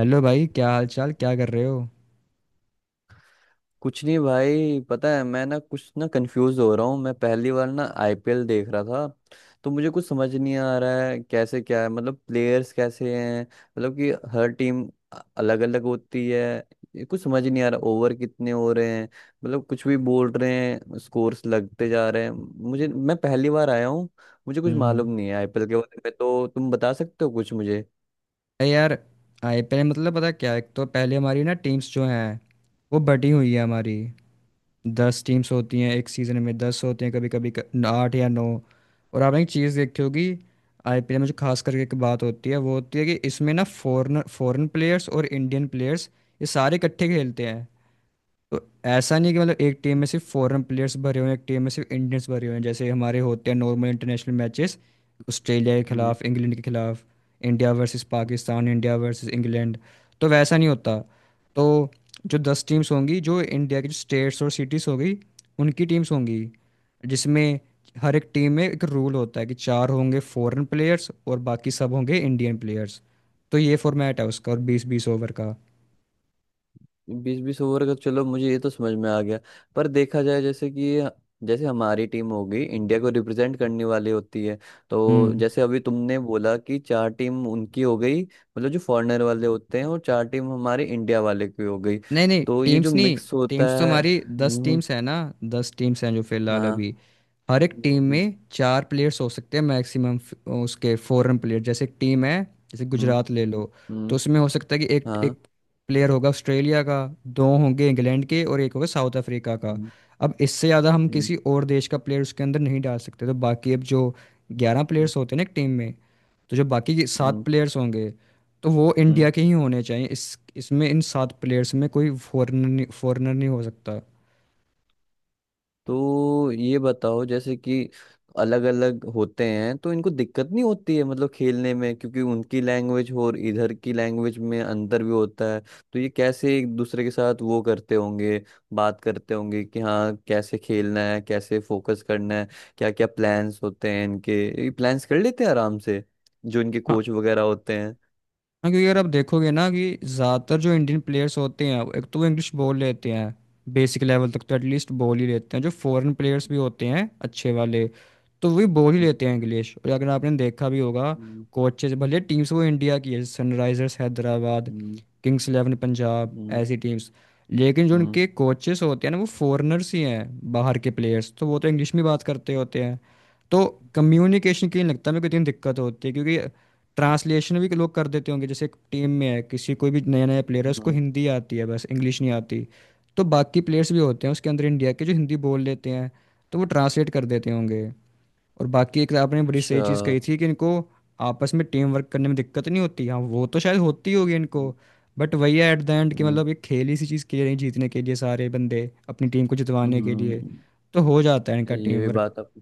Hello भाई, क्या हाल चाल, क्या कर रहे हो। कुछ नहीं भाई। पता है मैं ना कुछ ना कंफ्यूज हो रहा हूँ। मैं पहली बार ना आईपीएल देख रहा था, तो मुझे कुछ समझ नहीं आ रहा है कैसे क्या है। मतलब प्लेयर्स कैसे हैं, मतलब कि हर टीम अलग अलग होती है। ये कुछ समझ नहीं आ रहा, ओवर कितने हो रहे हैं। मतलब कुछ भी बोल रहे हैं, स्कोर्स लगते जा रहे हैं। मुझे मैं पहली बार आया हूँ, मुझे कुछ हम्म। मालूम नहीं है आईपीएल के बारे में। तो तुम बता सकते हो कुछ मुझे? अरे यार। आईपीएल मतलब, पता क्या, एक तो पहले हमारी ना टीम्स जो हैं वो बटी हुई है हमारी। 10 टीम्स होती हैं एक सीज़न में, 10 होते हैं कभी कभी आठ या नौ। और आपने एक चीज़ देखी होगी, आईपीएल में जो खास करके एक बात होती है वो होती है कि इसमें ना फॉरन फॉरेन प्लेयर्स और इंडियन प्लेयर्स ये सारे इकट्ठे खेलते हैं। तो ऐसा नहीं कि मतलब एक टीम में सिर्फ फॉरेन प्लेयर्स भरे हुए हैं, एक टीम में सिर्फ इंडियंस भरे हुए हैं, जैसे हमारे होते हैं नॉर्मल इंटरनेशनल मैचेस ऑस्ट्रेलिया के खिलाफ, इंग्लैंड के खिलाफ, India versus Pakistan, India versus England. तो वैसा नहीं होता। तो जो दस टीम्स होंगी, जो इंडिया की जो स्टेट्स और सिटीज़ होगी, उनकी टीम्स होंगी। जिसमें हर एक टीम में एक रूल होता है कि चार होंगे फॉरेन प्लेयर्स और बाकी सब होंगे इंडियन प्लेयर्स। तो ये फॉर्मेट है उसका और बीस बीस ओवर का। बीस बीस ओवर का, चलो मुझे ये तो समझ में आ गया। पर देखा जाए, जैसे कि जैसे हमारी टीम होगी इंडिया को रिप्रेजेंट करने वाली होती है। तो हम्म। जैसे अभी तुमने बोला कि चार टीम उनकी हो गई, मतलब जो फॉरेनर वाले होते हैं, और चार टीम हमारे इंडिया वाले की हो गई। नहीं नहीं, तो ये जो टीम्स नहीं। मिक्स होता टीम्स तो है। हमारी दस हम्म। टीम्स है ना। 10 टीम्स हैं जो फिलहाल हाँ। अभी। हर एक टीम हम्म। में चार प्लेयर्स हो सकते हैं मैक्सिमम, उसके फॉरेन प्लेयर। जैसे एक टीम है, जैसे हम्म। गुजरात ले लो, तो हम्म। उसमें हो सकता है कि एक हाँ। एक प्लेयर होगा ऑस्ट्रेलिया का, दो होंगे इंग्लैंड के, और एक होगा साउथ अफ्रीका का। हम्म। अब इससे ज़्यादा हम हम्म। किसी और देश का प्लेयर उसके अंदर नहीं डाल सकते। तो बाकी अब जो 11 प्लेयर्स होते हैं ना एक टीम में, तो जो बाकी के सात हम्म। प्लेयर्स होंगे तो वो हम्म। इंडिया के ही होने चाहिए। इस इसमें इन सात प्लेयर्स में कोई फॉरेनर नहीं हो सकता। तो ये बताओ, जैसे कि अलग अलग होते हैं तो इनको दिक्कत नहीं होती है, मतलब खेलने में, क्योंकि उनकी लैंग्वेज और इधर की लैंग्वेज में अंतर भी होता है। तो ये कैसे एक दूसरे के साथ वो करते होंगे, बात करते होंगे कि हाँ कैसे खेलना है, कैसे फोकस करना है। क्या क्या प्लान्स होते हैं इनके? ये प्लान्स कर लेते हैं आराम से जो इनके कोच वगैरह होते हैं। हाँ, क्योंकि अगर आप देखोगे ना कि ज़्यादातर जो इंडियन प्लेयर्स होते हैं एक तो वो इंग्लिश बोल लेते हैं, बेसिक लेवल तक तो एटलीस्ट बोल ही लेते हैं। जो फॉरेन प्लेयर्स भी होते हैं अच्छे वाले तो वो भी बोल ही लेते हैं इंग्लिश। और अगर आपने देखा भी होगा, हम्म। कोचेज भले टीम्स वो इंडिया की है, सनराइजर्स हैदराबाद, हम्म। किंग्स इलेवन पंजाब, हम्म। ऐसी टीम्स, लेकिन जो हम्म। उनके कोचेस होते हैं ना वो फॉरेनर्स ही हैं, बाहर के प्लेयर्स, तो वो तो इंग्लिश में बात करते होते हैं। तो कम्युनिकेशन के लिए लगता है मेरे को इतनी दिक्कत होती, है क्योंकि ट्रांसलेशन भी लोग कर देते होंगे। जैसे एक टीम में है किसी, कोई भी नया नया प्लेयर है, हम्म। उसको हम्म। हिंदी आती है बस, इंग्लिश नहीं आती, तो बाकी प्लेयर्स भी होते हैं उसके अंदर इंडिया के जो हिंदी बोल लेते हैं, तो वो ट्रांसलेट कर देते होंगे। और बाकी एक आपने बड़ी अच्छा। सही चीज़ कही थी कि इनको आपस में टीम वर्क करने में दिक्कत नहीं होती। हाँ, वो तो शायद होती होगी इनको, हम्म। बट वही है एट द एंड कि मतलब एक खेल ही सी चीज़ खेल रहे हैं, जीतने के लिए सारे बंदे अपनी टीम को जितवाने के लिए, हम्म। तो हो जाता है इनका ये टीम भी वर्क। बात आप।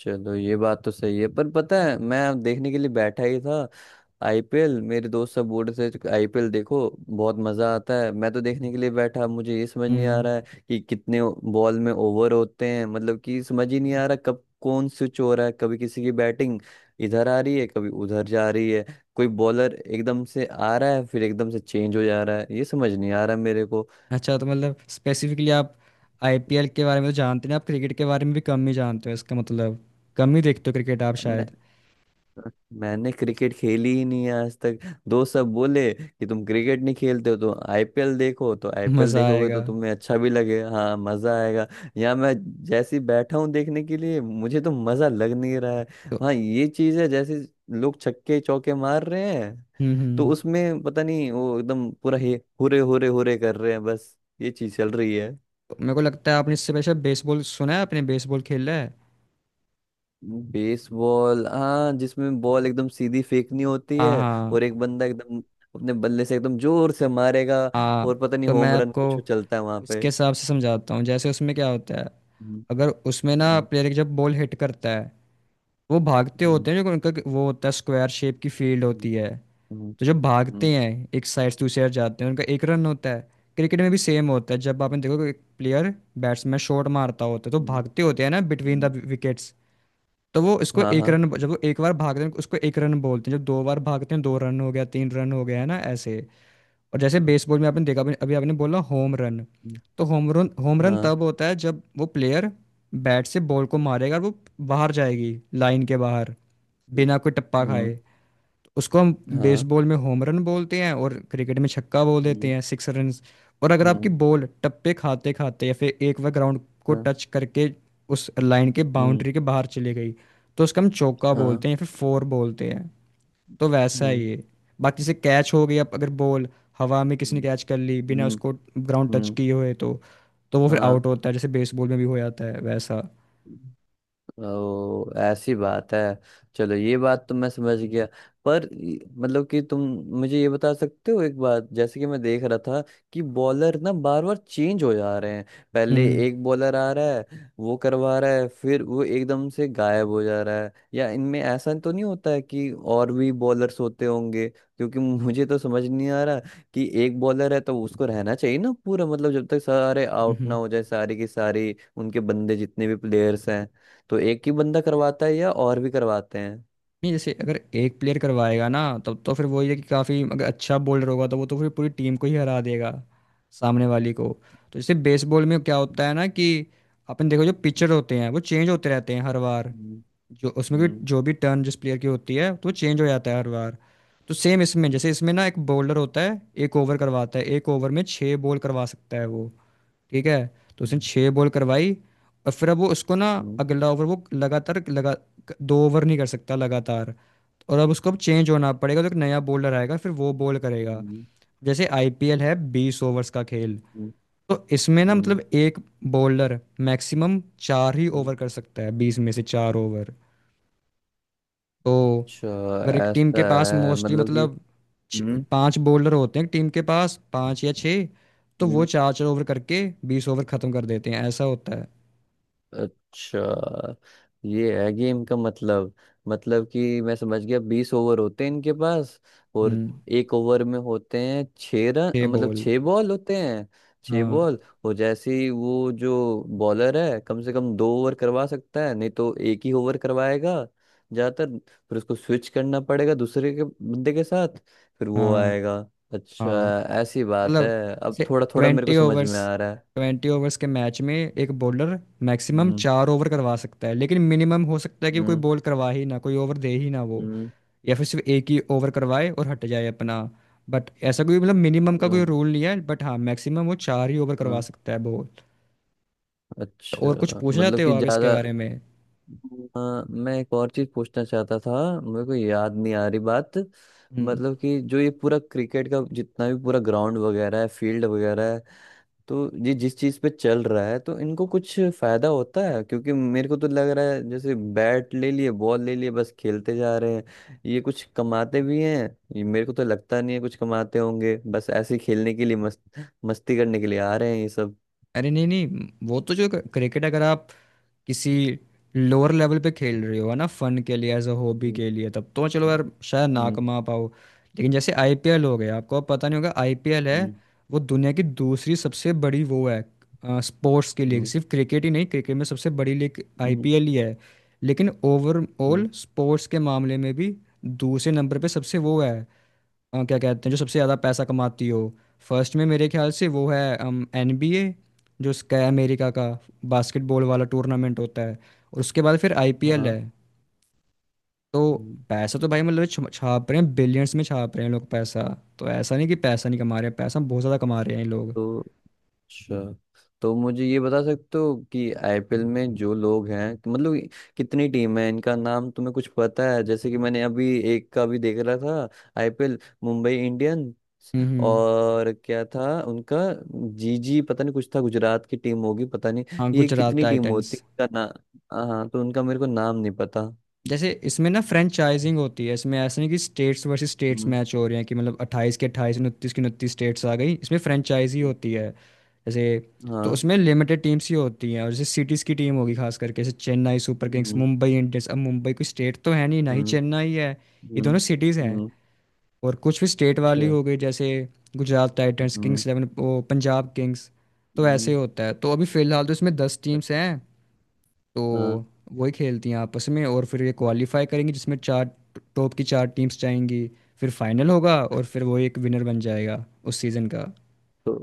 चलो, ये बात तो सही है, पर पता है मैं देखने के लिए बैठा ही था। आईपीएल, मेरे दोस्त सब बोल रहे थे आईपीएल देखो, बहुत मजा आता है। मैं तो देखने के लिए बैठा, मुझे ये समझ नहीं आ हम्म। रहा है कि कितने बॉल में ओवर होते हैं। मतलब कि समझ ही नहीं आ रहा कब कौन स्विच हो रहा है, कभी किसी की बैटिंग इधर आ रही है, कभी उधर जा रही है। कोई बॉलर एकदम से आ रहा है फिर एकदम से चेंज हो जा रहा है, ये समझ नहीं आ रहा मेरे अच्छा तो मतलब स्पेसिफिकली आप आईपीएल के बारे में तो जानते नहीं, आप क्रिकेट के बारे में भी कम ही जानते हो इसका मतलब, कम ही देखते हो क्रिकेट आप शायद। को। मैंने क्रिकेट खेली ही नहीं है आज तक। दोस्त सब बोले कि तुम क्रिकेट नहीं खेलते हो तो आईपीएल देखो, तो आईपीएल मज़ा देखोगे तो आएगा तुम्हें अच्छा भी लगेगा, हाँ मजा आएगा। यहाँ मैं जैसे ही बैठा हूँ देखने के लिए, मुझे तो मजा लग नहीं रहा है। तो। हाँ, ये चीज है, जैसे लोग छक्के चौके मार रहे हैं हम्म। तो हम्म। उसमें पता नहीं वो एकदम पूरा हे हुरे हुरे हुरे कर रहे हैं, बस ये चीज चल रही है। तो मेरे को लगता है आपने इससे पहले शायद बेसबॉल सुना है, आपने बेसबॉल खेला है। बेसबॉल, हाँ, जिसमें बॉल एकदम सीधी फेंकनी होती हाँ है। और हाँ एक बंदा एकदम अपने बल्ले से एकदम जोर से मारेगा। हाँ। और पता नहीं तो मैं होम रन आपको कुछ चलता है वहां पे। उसके हिसाब से समझाता हूँ जैसे उसमें क्या होता है। हम्म। अगर उसमें ना हम्म। प्लेयर जब बॉल हिट करता है, वो भागते हम्म। होते हैं, जो उनका वो होता है स्क्वायर शेप की फील्ड हम्म। होती है। हम्म। तो जब हम्म। भागते हैं एक साइड से दूसरी साइड जाते हैं, उनका एक रन होता है। क्रिकेट में भी सेम होता है। जब आपने देखो कि एक प्लेयर, बैट्समैन शॉट मारता होता है तो हम्म। भागते होते हैं ना बिटवीन हम्म। द विकेट्स, तो वो उसको हाँ, एक हाँ। रन, जब वो एक बार भागते हैं उसको एक रन बोलते हैं, जब दो बार भागते हैं दो रन हो गया, तीन रन हो गया, है ना, ऐसे। और जैसे हम्म। बेसबॉल में आपने देखा, अभी अभी आपने बोला होम रन। हम्म। तो होम रन हाँ। तब होता है जब वो प्लेयर बैट से बॉल को मारेगा और वो बाहर जाएगी हम्म। लाइन के बाहर, बिना कोई टप्पा हम्म। खाए, तो उसको हम हाँ। बेसबॉल में होम रन बोलते हैं और क्रिकेट में छक्का बोल देते हम्म। हैं, सिक्स रन। और अगर आपकी हम्म। बॉल टप्पे खाते खाते या फिर एक बार ग्राउंड को हाँ। टच करके उस लाइन के, हम्म। बाउंड्री के बाहर चली गई, तो उसका हम चौका हाँ। बोलते हैं या फिर फोर बोलते हैं। तो वैसा ही हम्म। है ये। बाकी जैसे कैच हो गई, अब अगर बॉल हवा में किसी ने हम्म। कैच कर ली बिना हम्म। उसको ग्राउंड टच हम्म। किए हुए, तो वो फिर हाँ। आउट होता है जैसे बेसबॉल में भी हो जाता है वैसा। ओ, ऐसी बात है। चलो, ये बात तो मैं समझ गया। पर मतलब कि तुम मुझे ये बता सकते हो एक बात, जैसे कि मैं देख रहा था कि बॉलर ना बार बार चेंज हो जा रहे हैं। पहले हम्म। एक बॉलर आ रहा है, वो करवा रहा है, फिर वो एकदम से गायब हो जा रहा है। या इनमें ऐसा तो नहीं होता है कि और भी बॉलर्स होते होंगे? क्योंकि मुझे तो समझ नहीं आ रहा कि एक बॉलर है तो उसको रहना चाहिए ना पूरा, मतलब जब तक सारे आउट ना हम्म। हो जाए, सारी की सारी उनके बंदे, जितने भी प्लेयर्स हैं। तो एक ही बंदा करवाता है या और भी करवाते हैं? नहीं, जैसे अगर एक प्लेयर करवाएगा ना, तब तो फिर वो ये कि काफ़ी अगर अच्छा बॉलर होगा तो वो तो फिर पूरी टीम को ही हरा देगा सामने वाली को। तो जैसे बेसबॉल में क्या होता है ना कि अपन देखो जो पिचर होते हैं वो चेंज होते रहते हैं हर बार, हम्म। जो उसमें भी हम्म। जो भी टर्न जिस प्लेयर की होती है तो वो चेंज हो जाता है हर बार। तो सेम इसमें, हम्म। जैसे इसमें ना एक बॉलर होता है, एक ओवर करवाता है, एक ओवर में छः बॉल करवा सकता है वो। ठीक है। तो उसने छः बॉल करवाई, और फिर अब वो उसको ना हम्म। अगला ओवर वो लगातार लगा, दो ओवर नहीं कर सकता लगातार, और अब उसको अब चेंज होना पड़ेगा, तो एक नया बॉलर आएगा फिर वो बॉल हम्म। करेगा। हम्म। जैसे आईपीएल है 20 ओवर्स का खेल, हम्म। तो इसमें ना हम्म। मतलब एक बॉलर मैक्सिमम चार ही हम्म। ओवर कर सकता है, 20 में से 4 ओवर। तो अच्छा, अगर एक टीम ऐसा के पास है, मोस्टली मतलब कि। मतलब हम्म। पांच बॉलर होते हैं टीम के पास पांच या छः, तो वो हम्म। चार चार ओवर करके 20 ओवर खत्म कर देते हैं, ऐसा होता है। अच्छा, ये है गेम का मतलब। मतलब कि मैं समझ गया, 20 ओवर होते हैं इनके पास, और हम्म। एक ओवर में होते हैं 6 रन, छः मतलब बॉल। 6 बॉल होते हैं। छः हाँ बॉल और जैसे ही वो जो बॉलर है कम से कम 2 ओवर करवा सकता है, नहीं तो एक ही ओवर करवाएगा ज्यादातर, फिर उसको स्विच करना पड़ेगा दूसरे के बंदे के साथ, फिर वो हाँ आएगा। हाँ। अच्छा, ऐसी बात है। मतलब अब थोड़ा थोड़ा मेरे को ट्वेंटी समझ ओवर्स में आ रहा है। 20 ओवर्स के मैच में एक बॉलर मैक्सिमम हम्म। चार ओवर करवा सकता है, लेकिन मिनिमम हो सकता है कि कोई हम्म। बॉल करवा ही ना, कोई ओवर दे ही ना वो, या फिर सिर्फ एक ही ओवर करवाए और हट जाए अपना। बट ऐसा कोई, मतलब मिनिमम का कोई हम्म। रूल नहीं है, बट हाँ मैक्सिमम वो चार ही ओवर करवा हाँ। सकता है बॉल। अच्छा। और कुछ पूछना मतलब चाहते हो कि आप इसके ज्यादा। बारे में? हाँ, मैं एक और चीज पूछना चाहता था, मेरे को याद नहीं आ रही बात। हम्म। मतलब कि जो ये पूरा क्रिकेट का जितना भी पूरा ग्राउंड वगैरह है, फील्ड वगैरह है, तो ये जिस चीज पे चल रहा है तो इनको कुछ फायदा होता है? क्योंकि मेरे को तो लग रहा है जैसे बैट ले लिए बॉल ले लिए बस खेलते जा रहे हैं। ये कुछ कमाते भी हैं? ये मेरे को तो लगता नहीं है कुछ कमाते होंगे, बस ऐसे ही खेलने के लिए, मस्त मस्ती करने के लिए आ रहे हैं ये सब। अरे नहीं नहीं, वो तो जो क्रिकेट, अगर आप किसी लोअर लेवल पे खेल रहे हो, है ना, फन के लिए, एज अ हॉबी हम्म। के लिए, तब तो चलो यार, शायद ना हम्म। कमा पाओ। लेकिन जैसे आईपीएल हो गया, आपको अब पता नहीं होगा आईपीएल है, हम्म। वो दुनिया की दूसरी सबसे बड़ी वो है स्पोर्ट्स की लीग। हम्म। सिर्फ क्रिकेट ही नहीं, क्रिकेट में सबसे बड़ी लीग हम्म। आईपीएल ही है, लेकिन हम्म। ओवरऑल स्पोर्ट्स के मामले में भी दूसरे नंबर पे सबसे वो है, क्या कहते हैं, जो सबसे ज़्यादा पैसा कमाती हो। फर्स्ट में मेरे ख्याल से वो है एन बी ए, जो उसका है, अमेरिका का बास्केटबॉल वाला टूर्नामेंट होता है, और उसके बाद फिर आई पी एल हाँ। है। तो हम्म। पैसा तो भाई मतलब छाप रहे हैं, बिलियंस में छाप रहे हैं लोग पैसा। तो ऐसा नहीं कि पैसा नहीं कमा रहे हैं, पैसा बहुत ज़्यादा कमा रहे हैं ये लोग। तो अच्छा, तो मुझे ये बता सकते हो कि आईपीएल में जो लोग हैं, कि मतलब कितनी टीम है, इनका नाम तुम्हें कुछ पता है? जैसे कि मैंने अभी एक का भी देख रहा था आईपीएल, मुंबई इंडियंस। हम्म। हम्म। और क्या था उनका? जीजी, पता नहीं कुछ था, गुजरात की टीम होगी, पता नहीं। हाँ, ये गुजरात कितनी टीम टाइटंस। होती है इनका ना? हाँ, तो उनका मेरे को नाम नहीं पता। जैसे इसमें ना फ्रेंचाइजिंग होती है, इसमें ऐसा नहीं कि स्टेट्स वर्सेस स्टेट्स हम्म। मैच हो रहे हैं, कि मतलब अट्ठाईस के अट्ठाईस, उनतीस की उनतीस स्टेट्स आ गई, इसमें फ्रेंचाइजी हम्म। होती है। जैसे, तो हाँ। उसमें लिमिटेड टीम्स ही होती हैं। और जैसे सिटीज़ की टीम होगी खास करके, जैसे चेन्नई सुपर किंग्स, हम्म। मुंबई इंडियंस, अब मुंबई कोई स्टेट तो है नहीं, ना ही हम्म। चेन्नई है, ये हम्म। दोनों सिटीज़ हैं। हम्म। और कुछ भी स्टेट अच्छा। वाली हो गई जैसे गुजरात टाइटंस, किंग्स इलेवन, वो पंजाब किंग्स, तो ऐसे हम्म। होता है। तो अभी फिलहाल तो इसमें 10 टीम्स हैं, हाँ। तो वही खेलती हैं आपस में। और फिर ये क्वालिफाई करेंगी जिसमें चार, टॉप की चार टीम्स जाएंगी, फिर फाइनल होगा, और फिर वो एक विनर बन हम्म। जाएगा उस सीज़न का। तो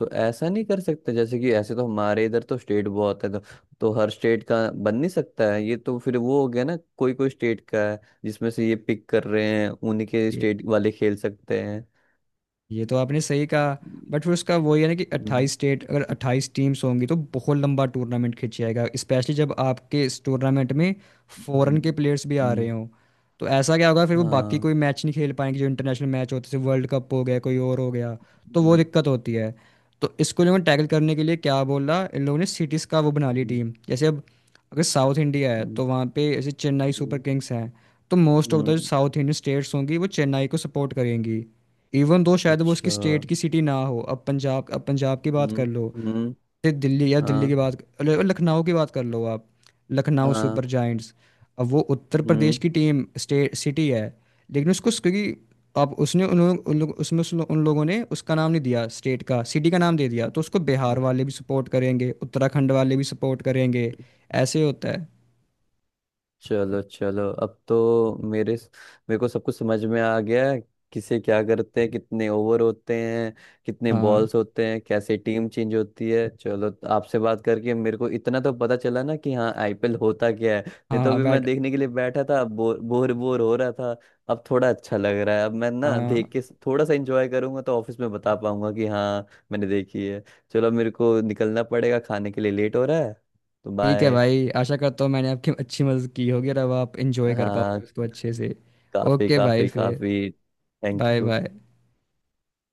तो ऐसा नहीं कर सकते जैसे कि? ऐसे तो हमारे इधर तो स्टेट बहुत है, तो हर स्टेट का बन नहीं सकता है? ये तो फिर वो हो गया ना, कोई कोई स्टेट का है जिसमें से ये पिक कर रहे हैं, उन्हीं के स्टेट वाले खेल सकते हैं। ये तो आपने सही कहा, बट फिर उसका वही है ना, कि हम्म। 28 स्टेट अगर 28 टीम्स होंगी तो बहुत लंबा टूर्नामेंट खिंच जाएगा, स्पेशली जब आपके इस टूर्नामेंट में फॉरेन के हम्म। प्लेयर्स भी आ रहे हम्म। हों। तो ऐसा क्या होगा फिर, वो बाकी हाँ। कोई मैच नहीं खेल पाएंगे, जो इंटरनेशनल मैच होते थे, वर्ल्ड कप हो गया, कोई और हो गया, तो वो हम्म। दिक्कत होती है। तो इसको इन्होंने टैकल करने के लिए क्या बोला इन लोगों ने, सिटीज़ का वो बना ली हम्म। टीम। जैसे, अब अगर साउथ इंडिया है हम्म। तो वहाँ पे जैसे चेन्नई सुपर हम्म। किंग्स हैं, तो मोस्ट ऑफ द हम्म। साउथ इंडियन स्टेट्स होंगी वो चेन्नई को सपोर्ट करेंगी, इवन दो शायद वो अच्छा। उसकी स्टेट हम्म। की सिटी ना हो। अब पंजाब, अब पंजाब की बात कर लो, हम्म। फिर दिल्ली, या दिल्ली की हाँ। बात, अरे, लखनऊ की बात कर लो आप, लखनऊ हाँ। Super Giants. अब वो उत्तर प्रदेश हम्म। की टीम स्टेट सिटी है, लेकिन उसको, क्योंकि अब उसने उन लोग उसमें उस लो- उन लोगों ने उसका नाम नहीं दिया, स्टेट का, सिटी का नाम दे दिया, तो उसको बिहार वाले भी सपोर्ट करेंगे, उत्तराखंड वाले भी सपोर्ट करेंगे। ऐसे होता है। चलो चलो, अब तो मेरे मेरे को सब कुछ समझ में आ गया है। किसे क्या करते हैं, कितने ओवर होते हैं, कितने हाँ बॉल्स होते हैं, कैसे टीम चेंज होती है। चलो, तो आपसे बात करके मेरे को इतना तो पता चला ना कि हाँ आईपीएल होता क्या है। नहीं तो हाँ। अभी मैं बैट देखने के लिए बैठा था, बोर बोर बोर हो रहा था। अब थोड़ा अच्छा लग रहा है, अब मैं ना हाँ। देख के थोड़ा सा एंजॉय करूंगा, तो ऑफिस में बता पाऊंगा कि हाँ मैंने देखी है। चलो, मेरे को निकलना पड़ेगा, खाने के लिए लेट हो रहा है, तो ठीक है बाय। भाई, आशा करता हूँ मैंने आपकी अच्छी मदद की होगी और अब आप इंजॉय कर पाओगे हाँ, उसको अच्छे से। काफी ओके भाई काफी फिर, काफी। Thank bye you. बाय।